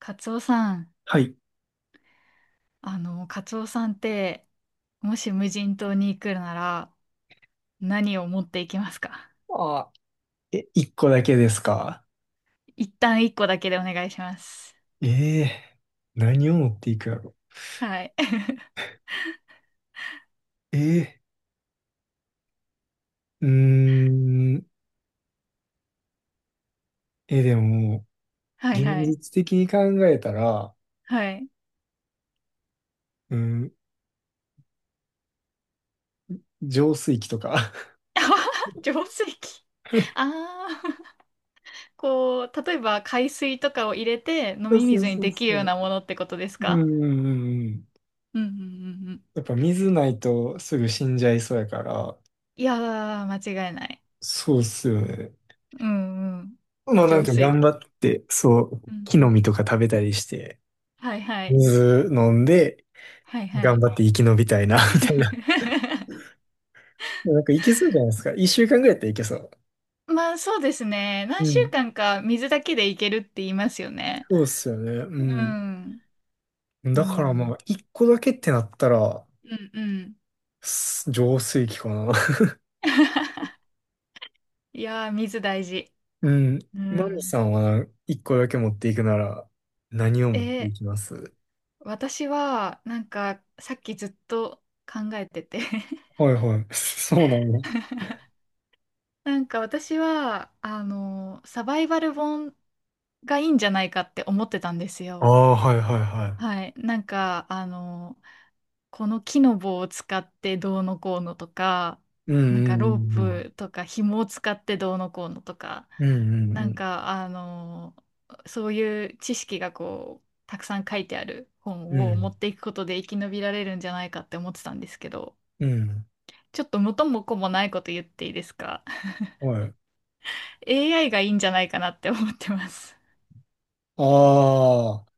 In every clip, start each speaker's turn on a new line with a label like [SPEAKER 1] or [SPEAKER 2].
[SPEAKER 1] カツオさん、
[SPEAKER 2] はい。
[SPEAKER 1] カツオさんって、もし無人島に行くなら、何を持っていきますか？
[SPEAKER 2] ああ、え、一個だけですか？
[SPEAKER 1] 一旦一個だけでお願いします。
[SPEAKER 2] ええー、何を持っていくやろ。
[SPEAKER 1] はい。
[SPEAKER 2] ええー、うーん、え、でも、
[SPEAKER 1] はい
[SPEAKER 2] 現
[SPEAKER 1] はい。
[SPEAKER 2] 実的に考えたら、
[SPEAKER 1] はい。
[SPEAKER 2] うん、浄水器とか。
[SPEAKER 1] 浄水器。ああ、こう、例えば海水とかを入れて飲
[SPEAKER 2] そう
[SPEAKER 1] み
[SPEAKER 2] そう
[SPEAKER 1] 水に
[SPEAKER 2] そう
[SPEAKER 1] できる
[SPEAKER 2] そ
[SPEAKER 1] ような
[SPEAKER 2] う。
[SPEAKER 1] ものってことです
[SPEAKER 2] うん
[SPEAKER 1] か？
[SPEAKER 2] うんうんうん。
[SPEAKER 1] うんうんうんうん。
[SPEAKER 2] やっぱ水ないとすぐ死んじゃいそうやから、
[SPEAKER 1] いやー、間違いない。
[SPEAKER 2] そうっすよね。
[SPEAKER 1] うんうん。
[SPEAKER 2] まあなん
[SPEAKER 1] 浄
[SPEAKER 2] か
[SPEAKER 1] 水
[SPEAKER 2] 頑張
[SPEAKER 1] 器。
[SPEAKER 2] って、そう、
[SPEAKER 1] うん
[SPEAKER 2] 木
[SPEAKER 1] う
[SPEAKER 2] の
[SPEAKER 1] ん。
[SPEAKER 2] 実とか食べたりして、
[SPEAKER 1] はいはい。
[SPEAKER 2] 水飲んで、
[SPEAKER 1] はいは
[SPEAKER 2] 頑
[SPEAKER 1] い。
[SPEAKER 2] 張って生き延びたいな、みたいな。なんかいけそうじゃないですか。1週間ぐらいやったらいけそう。
[SPEAKER 1] まあそうですね。何
[SPEAKER 2] う
[SPEAKER 1] 週
[SPEAKER 2] ん。
[SPEAKER 1] 間か水だけでいけるって言いますよね。
[SPEAKER 2] そうっすよね。
[SPEAKER 1] う
[SPEAKER 2] う
[SPEAKER 1] ん。
[SPEAKER 2] ん。
[SPEAKER 1] う
[SPEAKER 2] だからま
[SPEAKER 1] ん。
[SPEAKER 2] あ、一個だけってなったら、
[SPEAKER 1] うんうん。
[SPEAKER 2] 浄水器かな。
[SPEAKER 1] いやー、水大事。
[SPEAKER 2] うん。
[SPEAKER 1] う
[SPEAKER 2] マミ
[SPEAKER 1] ん。
[SPEAKER 2] さんは一個だけ持っていくなら、何を持ってい
[SPEAKER 1] え、
[SPEAKER 2] きます？
[SPEAKER 1] 私は、なんか、さっきずっと考えてて、
[SPEAKER 2] はいはい。そうなんだ。
[SPEAKER 1] なんか私は、サバイバル本がいいんじゃないかって思ってたんです
[SPEAKER 2] あ
[SPEAKER 1] よ。
[SPEAKER 2] あ、はいはいは
[SPEAKER 1] はい。なんか、この木の棒を使ってどうのこうのとか、
[SPEAKER 2] い。う
[SPEAKER 1] なんかロー
[SPEAKER 2] んうん
[SPEAKER 1] プとか紐を使ってどうのこうのとか、
[SPEAKER 2] うん
[SPEAKER 1] な
[SPEAKER 2] う
[SPEAKER 1] ん
[SPEAKER 2] ん。
[SPEAKER 1] か、そういう知識がこう、たくさん書いてある
[SPEAKER 2] うん
[SPEAKER 1] 本
[SPEAKER 2] うんう
[SPEAKER 1] を持
[SPEAKER 2] ん。
[SPEAKER 1] っていくことで生き延びられるんじゃないかって思ってたんですけど、
[SPEAKER 2] うん。
[SPEAKER 1] ちょっと元も子もないこと言っていいですか？
[SPEAKER 2] はい。
[SPEAKER 1] AI がいいんじゃないかなって思ってます。
[SPEAKER 2] ああ。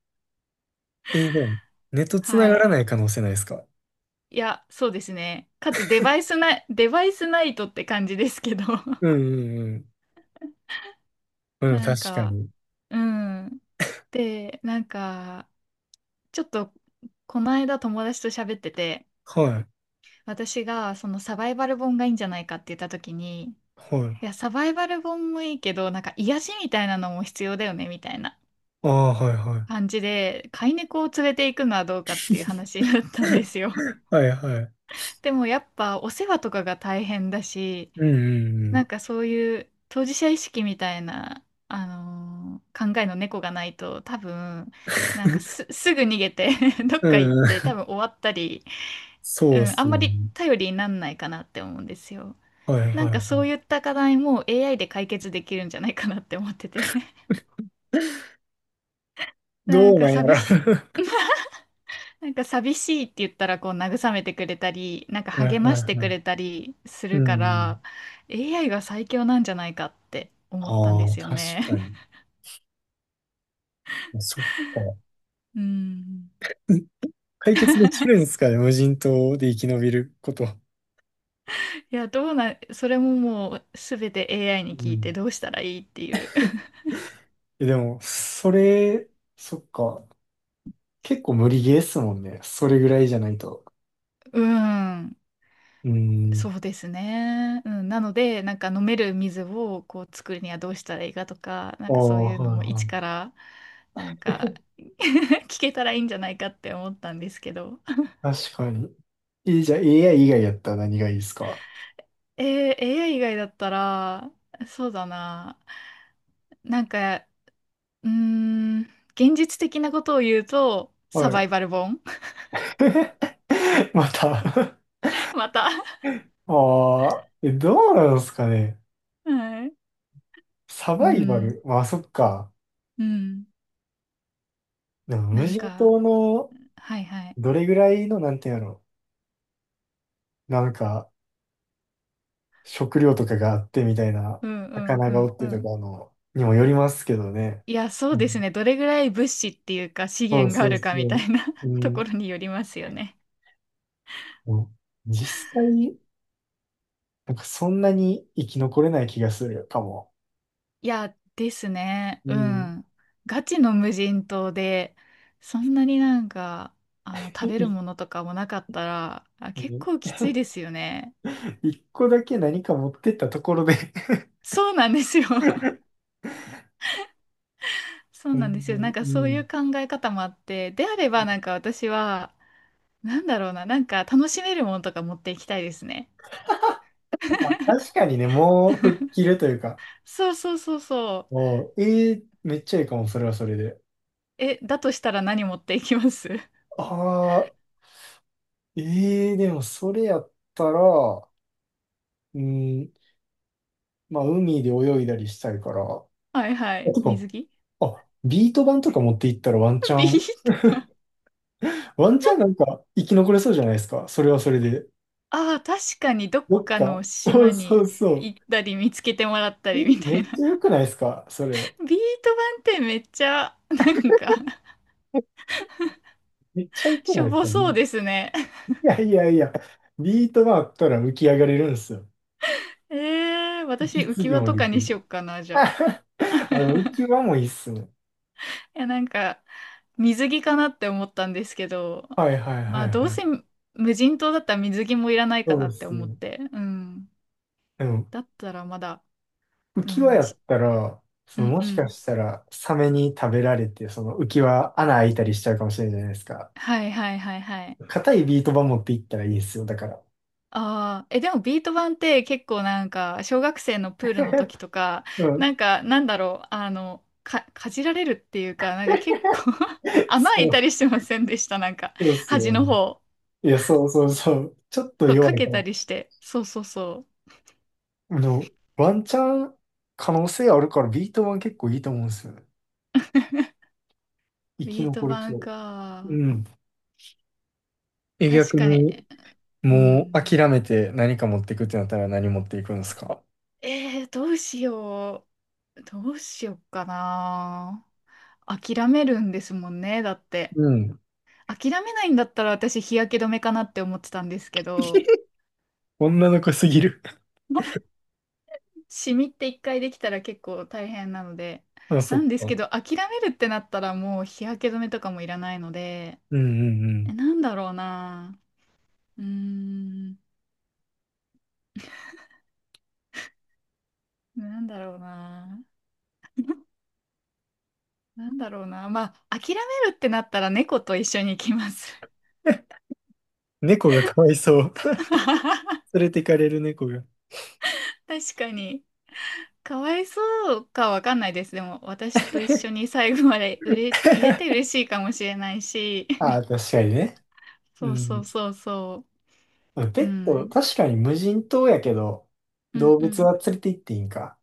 [SPEAKER 2] でも、ネット 繋
[SPEAKER 1] は
[SPEAKER 2] がら
[SPEAKER 1] い。
[SPEAKER 2] ない可能性ないですか？
[SPEAKER 1] いや、そうですね。かつデバイスない、デバイスナイトって感じですけど、
[SPEAKER 2] うんうんうん。うん、
[SPEAKER 1] なん
[SPEAKER 2] 確か
[SPEAKER 1] か、
[SPEAKER 2] に。
[SPEAKER 1] うん。で、なんか、ちょっと、この間友達と喋ってて、
[SPEAKER 2] はい。
[SPEAKER 1] 私がそのサバイバル本がいいんじゃないかって言った時に、い
[SPEAKER 2] はい。
[SPEAKER 1] や、サバイバル本もいいけど、なんか癒しみたいなのも必要だよね、みたいな
[SPEAKER 2] ああ、はいはい。
[SPEAKER 1] 感じで、飼い猫を連れて行くのはどうかっていう話だったんですよ。
[SPEAKER 2] はいはい。
[SPEAKER 1] でもやっぱお世話とかが大変だし、
[SPEAKER 2] うんう
[SPEAKER 1] な
[SPEAKER 2] ん
[SPEAKER 1] んかそういう当事者意識みたいな、考えの猫がないと多分なんかすぐ逃げて、 どっ
[SPEAKER 2] う
[SPEAKER 1] か行っ
[SPEAKER 2] ん。う
[SPEAKER 1] て多
[SPEAKER 2] ん、
[SPEAKER 1] 分終わったり、う
[SPEAKER 2] そうっ
[SPEAKER 1] ん、あ
[SPEAKER 2] す
[SPEAKER 1] んま
[SPEAKER 2] ね。
[SPEAKER 1] り頼りになんないかなって思うんですよ。
[SPEAKER 2] はい
[SPEAKER 1] なん
[SPEAKER 2] はいは
[SPEAKER 1] かそう
[SPEAKER 2] い。
[SPEAKER 1] いった課題も AI で解決できるんじゃないかなって思ってて、 なん
[SPEAKER 2] どう
[SPEAKER 1] か
[SPEAKER 2] なんやろ。
[SPEAKER 1] 寂し、
[SPEAKER 2] は
[SPEAKER 1] なんか寂しいって言ったらこう慰めてくれたり、なんか
[SPEAKER 2] いはい
[SPEAKER 1] 励まして
[SPEAKER 2] は
[SPEAKER 1] く
[SPEAKER 2] い。
[SPEAKER 1] れたりす
[SPEAKER 2] う
[SPEAKER 1] るか
[SPEAKER 2] ん。
[SPEAKER 1] ら AI が最強なんじゃないかって思ったん
[SPEAKER 2] あ
[SPEAKER 1] で
[SPEAKER 2] あ、
[SPEAKER 1] すよ
[SPEAKER 2] 確
[SPEAKER 1] ね。
[SPEAKER 2] かに。そっか。
[SPEAKER 1] うん。
[SPEAKER 2] うん、解決できるんですかね、無人島で生き延びること？
[SPEAKER 1] いや、どうな、それももうすべて AI に
[SPEAKER 2] う
[SPEAKER 1] 聞いて
[SPEAKER 2] ん。
[SPEAKER 1] どうしたらいいっていう。
[SPEAKER 2] え、でも、それ、そっか。結構無理ゲーっすもんね。それぐらいじゃないと。
[SPEAKER 1] うん、
[SPEAKER 2] うん。
[SPEAKER 1] そうですね。うん、なので、なんか飲める水をこう作るにはどうしたらいいかとか、な
[SPEAKER 2] あ
[SPEAKER 1] ん
[SPEAKER 2] あ、
[SPEAKER 1] かそういうの
[SPEAKER 2] はい
[SPEAKER 1] も一
[SPEAKER 2] は
[SPEAKER 1] から、なんか、
[SPEAKER 2] い。
[SPEAKER 1] 聞けたらいいんじゃないかって思ったんですけど。
[SPEAKER 2] 確かに。え、じゃあ AI 以外やったら何がいいですか？
[SPEAKER 1] AI 以外だったら、そうだな。なんか、うーん、現実的なことを言うと、
[SPEAKER 2] は
[SPEAKER 1] サバ
[SPEAKER 2] い。
[SPEAKER 1] イバル本。
[SPEAKER 2] また
[SPEAKER 1] また。
[SPEAKER 2] ああ、え、どうなんですかね。
[SPEAKER 1] はい。
[SPEAKER 2] サ
[SPEAKER 1] う
[SPEAKER 2] バイバ
[SPEAKER 1] ん、
[SPEAKER 2] ル。まあ、そっか。
[SPEAKER 1] うん。
[SPEAKER 2] でも、無
[SPEAKER 1] なん
[SPEAKER 2] 人
[SPEAKER 1] か、
[SPEAKER 2] 島の
[SPEAKER 1] はいはい。
[SPEAKER 2] どれぐらいの、なんていうんやろ。なんか、食料とかがあってみたいな、
[SPEAKER 1] うんうん
[SPEAKER 2] 魚
[SPEAKER 1] う
[SPEAKER 2] がお
[SPEAKER 1] ん
[SPEAKER 2] っ
[SPEAKER 1] う
[SPEAKER 2] てと
[SPEAKER 1] ん。
[SPEAKER 2] かの、にもよりますけどね。
[SPEAKER 1] いや、そ
[SPEAKER 2] う
[SPEAKER 1] うです
[SPEAKER 2] ん、
[SPEAKER 1] ね。どれぐらい物資っていうか資
[SPEAKER 2] そう
[SPEAKER 1] 源があ
[SPEAKER 2] そう
[SPEAKER 1] るかみ
[SPEAKER 2] そ
[SPEAKER 1] た
[SPEAKER 2] う。
[SPEAKER 1] いな、
[SPEAKER 2] う
[SPEAKER 1] とこ
[SPEAKER 2] ん、
[SPEAKER 1] ろによりますよね。
[SPEAKER 2] もう実際、なんかそんなに生き残れない気がするかも。
[SPEAKER 1] いや、ですね。
[SPEAKER 2] う
[SPEAKER 1] う
[SPEAKER 2] ん。
[SPEAKER 1] ん。ガチの無人島で、そんなになんか、食べる ものとかもなかったら、あ、結構きついですよね。
[SPEAKER 2] 一個だけ何か持ってったところで。
[SPEAKER 1] そうなんですよ。そう
[SPEAKER 2] う
[SPEAKER 1] なんで
[SPEAKER 2] ん、
[SPEAKER 1] すよ。なんか
[SPEAKER 2] う
[SPEAKER 1] そういう
[SPEAKER 2] ん。
[SPEAKER 1] 考え方もあって、であればなんか私は、なんだろうな、なんか楽しめるものとか持っていきたいですね。
[SPEAKER 2] 確 かにね、もう吹っ切るというか、
[SPEAKER 1] そうそうそうそう。
[SPEAKER 2] もう、ええめっちゃいいかも、それはそれで。
[SPEAKER 1] え、だとしたら何持っていきます？
[SPEAKER 2] ああ、ええでもそれやったら、うん、まあ、海で泳いだりしたいから。
[SPEAKER 1] はいは
[SPEAKER 2] あ、
[SPEAKER 1] い。
[SPEAKER 2] てか、
[SPEAKER 1] 水着。
[SPEAKER 2] あ、ビート板とか持っていったらワンチ ャ
[SPEAKER 1] ビ
[SPEAKER 2] ン、
[SPEAKER 1] ー玉。
[SPEAKER 2] ワンチャンなんか生き残れそうじゃないですか、それはそれで。
[SPEAKER 1] ああ、確かにどっ
[SPEAKER 2] どっ
[SPEAKER 1] か
[SPEAKER 2] か、
[SPEAKER 1] の
[SPEAKER 2] そ
[SPEAKER 1] 島
[SPEAKER 2] うそ
[SPEAKER 1] に
[SPEAKER 2] うそう。
[SPEAKER 1] 行ったり見つけてもらった
[SPEAKER 2] え、
[SPEAKER 1] りみた
[SPEAKER 2] め
[SPEAKER 1] いな。
[SPEAKER 2] っちゃ良 くないですか、それ。
[SPEAKER 1] ビート板ってめっちゃ、なんか、
[SPEAKER 2] めっちゃ良 く
[SPEAKER 1] し
[SPEAKER 2] ない
[SPEAKER 1] ょ
[SPEAKER 2] です
[SPEAKER 1] ぼ
[SPEAKER 2] か、
[SPEAKER 1] そうですね。
[SPEAKER 2] いやいやいや、ビートがあったら浮き上がれるんですよ。
[SPEAKER 1] 私
[SPEAKER 2] 息
[SPEAKER 1] 浮
[SPEAKER 2] 継
[SPEAKER 1] き
[SPEAKER 2] ぎ
[SPEAKER 1] 輪
[SPEAKER 2] も
[SPEAKER 1] と
[SPEAKER 2] で
[SPEAKER 1] か
[SPEAKER 2] き
[SPEAKER 1] にし
[SPEAKER 2] る。
[SPEAKER 1] よっかな、じゃあ。
[SPEAKER 2] あ浮き輪もいいっすね。
[SPEAKER 1] いや、なんか、水着かなって思ったんですけど、
[SPEAKER 2] はいはい
[SPEAKER 1] ま
[SPEAKER 2] は
[SPEAKER 1] あ、
[SPEAKER 2] い
[SPEAKER 1] どう
[SPEAKER 2] はい。
[SPEAKER 1] せ無人島だったら水着もいらない
[SPEAKER 2] そ
[SPEAKER 1] かな
[SPEAKER 2] うっ
[SPEAKER 1] って
[SPEAKER 2] す
[SPEAKER 1] 思っ
[SPEAKER 2] ね。
[SPEAKER 1] て。うん。
[SPEAKER 2] でも、
[SPEAKER 1] だったらまだ。
[SPEAKER 2] 浮
[SPEAKER 1] う
[SPEAKER 2] き輪
[SPEAKER 1] ん、
[SPEAKER 2] やったら、
[SPEAKER 1] うん
[SPEAKER 2] も
[SPEAKER 1] う
[SPEAKER 2] しか
[SPEAKER 1] ん。
[SPEAKER 2] したら、サメに食べられて、その浮き輪穴開いたりしちゃうかもしれないじゃないですか。
[SPEAKER 1] はいはいはいはい。
[SPEAKER 2] 硬いビート板持っていったらいいですよ、だから。
[SPEAKER 1] ああ、え、でもビート板って結構なんか、小学生のプールの 時とか、
[SPEAKER 2] うん。
[SPEAKER 1] なんか、なんだろう、かじられるっていうか、なんか結構、 穴
[SPEAKER 2] そ
[SPEAKER 1] 開いた
[SPEAKER 2] う、
[SPEAKER 1] りしてませんでした、なんか、
[SPEAKER 2] そうっす
[SPEAKER 1] 端
[SPEAKER 2] よ
[SPEAKER 1] の
[SPEAKER 2] ね。
[SPEAKER 1] 方。
[SPEAKER 2] いや、そうそうそう。ちょっと
[SPEAKER 1] そう、
[SPEAKER 2] 弱
[SPEAKER 1] か
[SPEAKER 2] い
[SPEAKER 1] け
[SPEAKER 2] か
[SPEAKER 1] た
[SPEAKER 2] ら。
[SPEAKER 1] りして。そうそうそ
[SPEAKER 2] あの、ワンチャン可能性あるから、ビート板結構いいと思うんですよね。
[SPEAKER 1] う。
[SPEAKER 2] 生き
[SPEAKER 1] ビート
[SPEAKER 2] 残る気
[SPEAKER 1] 板
[SPEAKER 2] を。う
[SPEAKER 1] か。
[SPEAKER 2] ん。え、
[SPEAKER 1] 確
[SPEAKER 2] 逆
[SPEAKER 1] かに。
[SPEAKER 2] に、
[SPEAKER 1] う
[SPEAKER 2] もう
[SPEAKER 1] ん。
[SPEAKER 2] 諦めて何か持っていくってなったら何持っていくんですか？
[SPEAKER 1] どうしよう。どうしようかな。諦めるんですもんね、だって。
[SPEAKER 2] うん。
[SPEAKER 1] 諦めないんだったら私日焼け止めかなって思ってたんですけど、
[SPEAKER 2] 女の子すぎる。
[SPEAKER 1] まあシミって一回できたら結構大変なので、
[SPEAKER 2] あ、そ
[SPEAKER 1] な
[SPEAKER 2] っ
[SPEAKER 1] んです
[SPEAKER 2] か。
[SPEAKER 1] けど諦めるってなったらもう日焼け止めとかもいらないので、
[SPEAKER 2] うんうんう
[SPEAKER 1] え、
[SPEAKER 2] ん。
[SPEAKER 1] なんだろうな。うーん、なんだろうな。なんだろうな。まあ、諦めるってなったら猫と一緒に行きます。
[SPEAKER 2] 猫がかわいそう。連れてかれる猫が。
[SPEAKER 1] 確かに。かわいそうかわかんないです。でも、私と一緒に最後までうれ入れて嬉しいかもしれないし。
[SPEAKER 2] ああ、確かにね。う
[SPEAKER 1] そうそう
[SPEAKER 2] ん。
[SPEAKER 1] そうそう。う
[SPEAKER 2] ペット、
[SPEAKER 1] ん。
[SPEAKER 2] 確かに無人島やけど、
[SPEAKER 1] うん
[SPEAKER 2] 動
[SPEAKER 1] う
[SPEAKER 2] 物
[SPEAKER 1] ん。
[SPEAKER 2] は連れて行っていいんか。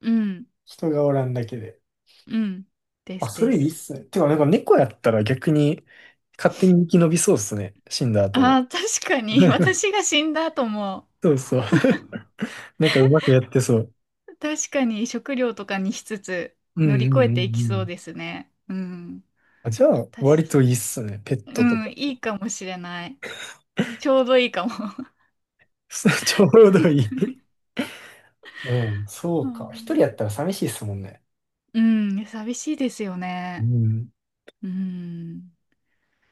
[SPEAKER 1] うん。
[SPEAKER 2] 人がおらんだけで。
[SPEAKER 1] うん。で
[SPEAKER 2] あ、
[SPEAKER 1] す
[SPEAKER 2] そ
[SPEAKER 1] で
[SPEAKER 2] れいいっ
[SPEAKER 1] す。
[SPEAKER 2] すね。てか、なんか猫やったら逆に勝手に生き延びそうっすね。死んだ後
[SPEAKER 1] あ
[SPEAKER 2] も。
[SPEAKER 1] あ、確かに。私が死んだ後も、
[SPEAKER 2] そうそう。なんかうまくやってそう。
[SPEAKER 1] 確かに食料とかにしつつ
[SPEAKER 2] うん
[SPEAKER 1] 乗り
[SPEAKER 2] うんう
[SPEAKER 1] 越
[SPEAKER 2] ん
[SPEAKER 1] え
[SPEAKER 2] う
[SPEAKER 1] ていきそう
[SPEAKER 2] ん。
[SPEAKER 1] ですね。うん。
[SPEAKER 2] あ、じゃあ、
[SPEAKER 1] 確
[SPEAKER 2] 割と
[SPEAKER 1] か
[SPEAKER 2] いい
[SPEAKER 1] に。
[SPEAKER 2] っすね。ペッ
[SPEAKER 1] う
[SPEAKER 2] トとか。
[SPEAKER 1] ん。いいかもしれない。ちょうどいいかも。
[SPEAKER 2] ちょうどいい。うん、そ
[SPEAKER 1] う
[SPEAKER 2] うか。一人やっ
[SPEAKER 1] ん
[SPEAKER 2] たら寂しいっすもんね。
[SPEAKER 1] うん。寂しいですよ
[SPEAKER 2] う
[SPEAKER 1] ね。
[SPEAKER 2] ん。
[SPEAKER 1] うん。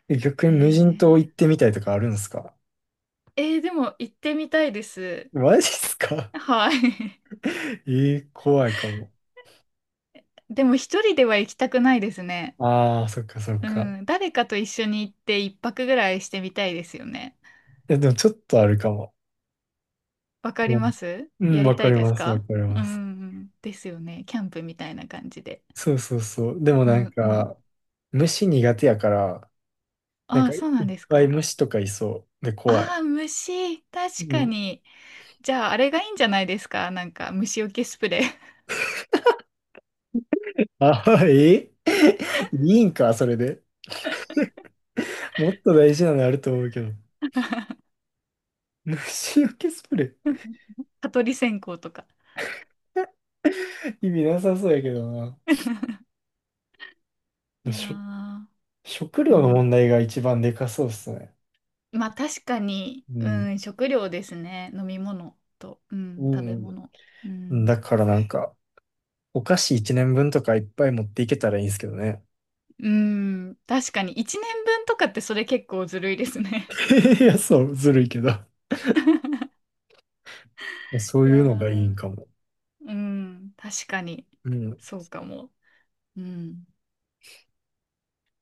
[SPEAKER 2] え逆に
[SPEAKER 1] え
[SPEAKER 2] 無人島
[SPEAKER 1] ー、
[SPEAKER 2] 行ってみたいとかあるんですか？
[SPEAKER 1] でも行ってみたいです。
[SPEAKER 2] マジっすか？
[SPEAKER 1] はい。
[SPEAKER 2] えー、怖いかも。
[SPEAKER 1] でも一人では行きたくないですね。
[SPEAKER 2] ああ、そっかそっ
[SPEAKER 1] う
[SPEAKER 2] か。
[SPEAKER 1] ん、誰かと一緒に行って一泊ぐらいしてみたいですよね。
[SPEAKER 2] え、でもちょっとあるかも。
[SPEAKER 1] わかり
[SPEAKER 2] うん、
[SPEAKER 1] ます。
[SPEAKER 2] うん
[SPEAKER 1] やり
[SPEAKER 2] わ
[SPEAKER 1] た
[SPEAKER 2] か
[SPEAKER 1] い
[SPEAKER 2] り
[SPEAKER 1] です
[SPEAKER 2] ます、わか
[SPEAKER 1] か？
[SPEAKER 2] り
[SPEAKER 1] う
[SPEAKER 2] ます。
[SPEAKER 1] ん、ですよね。キャンプみたいな感じで。
[SPEAKER 2] そうそうそう。でも
[SPEAKER 1] う
[SPEAKER 2] なん
[SPEAKER 1] んうん。
[SPEAKER 2] か、虫苦手やから、なん
[SPEAKER 1] あ
[SPEAKER 2] か
[SPEAKER 1] あ、
[SPEAKER 2] い
[SPEAKER 1] そうなん
[SPEAKER 2] っ
[SPEAKER 1] です
[SPEAKER 2] ぱい
[SPEAKER 1] か？
[SPEAKER 2] 虫とかいそう。で、怖
[SPEAKER 1] あ
[SPEAKER 2] い。
[SPEAKER 1] あ、虫。
[SPEAKER 2] う
[SPEAKER 1] 確か
[SPEAKER 2] ん、
[SPEAKER 1] に。じゃあ、あれがいいんじゃないですか？なんか、虫除けスプレー。
[SPEAKER 2] あ、え、いいんか、それで？もっと大事なのあると思うけど。虫除けスプレ
[SPEAKER 1] 蚊取り線香とか。
[SPEAKER 2] ー意味なさそうやけどな。
[SPEAKER 1] いや
[SPEAKER 2] しょ
[SPEAKER 1] ー、
[SPEAKER 2] 食
[SPEAKER 1] う
[SPEAKER 2] 料の問
[SPEAKER 1] ん。
[SPEAKER 2] 題が一番でかそうっすね。
[SPEAKER 1] まあ確かに、
[SPEAKER 2] う
[SPEAKER 1] う
[SPEAKER 2] ん。
[SPEAKER 1] ん、食料ですね。飲み物と、うん、食べ
[SPEAKER 2] う
[SPEAKER 1] 物。う
[SPEAKER 2] ん。
[SPEAKER 1] ん。
[SPEAKER 2] だからなんか、お菓子1年分とかいっぱい持っていけたらいいんですけどね。
[SPEAKER 1] うん、確かに1年分とかってそれ結構ずるいですね。
[SPEAKER 2] いや、そう、ずるいけど。そ う
[SPEAKER 1] い
[SPEAKER 2] い
[SPEAKER 1] や
[SPEAKER 2] うのがいいんかも。
[SPEAKER 1] ー、うん、確かに。
[SPEAKER 2] うん。
[SPEAKER 1] そうかも。うん。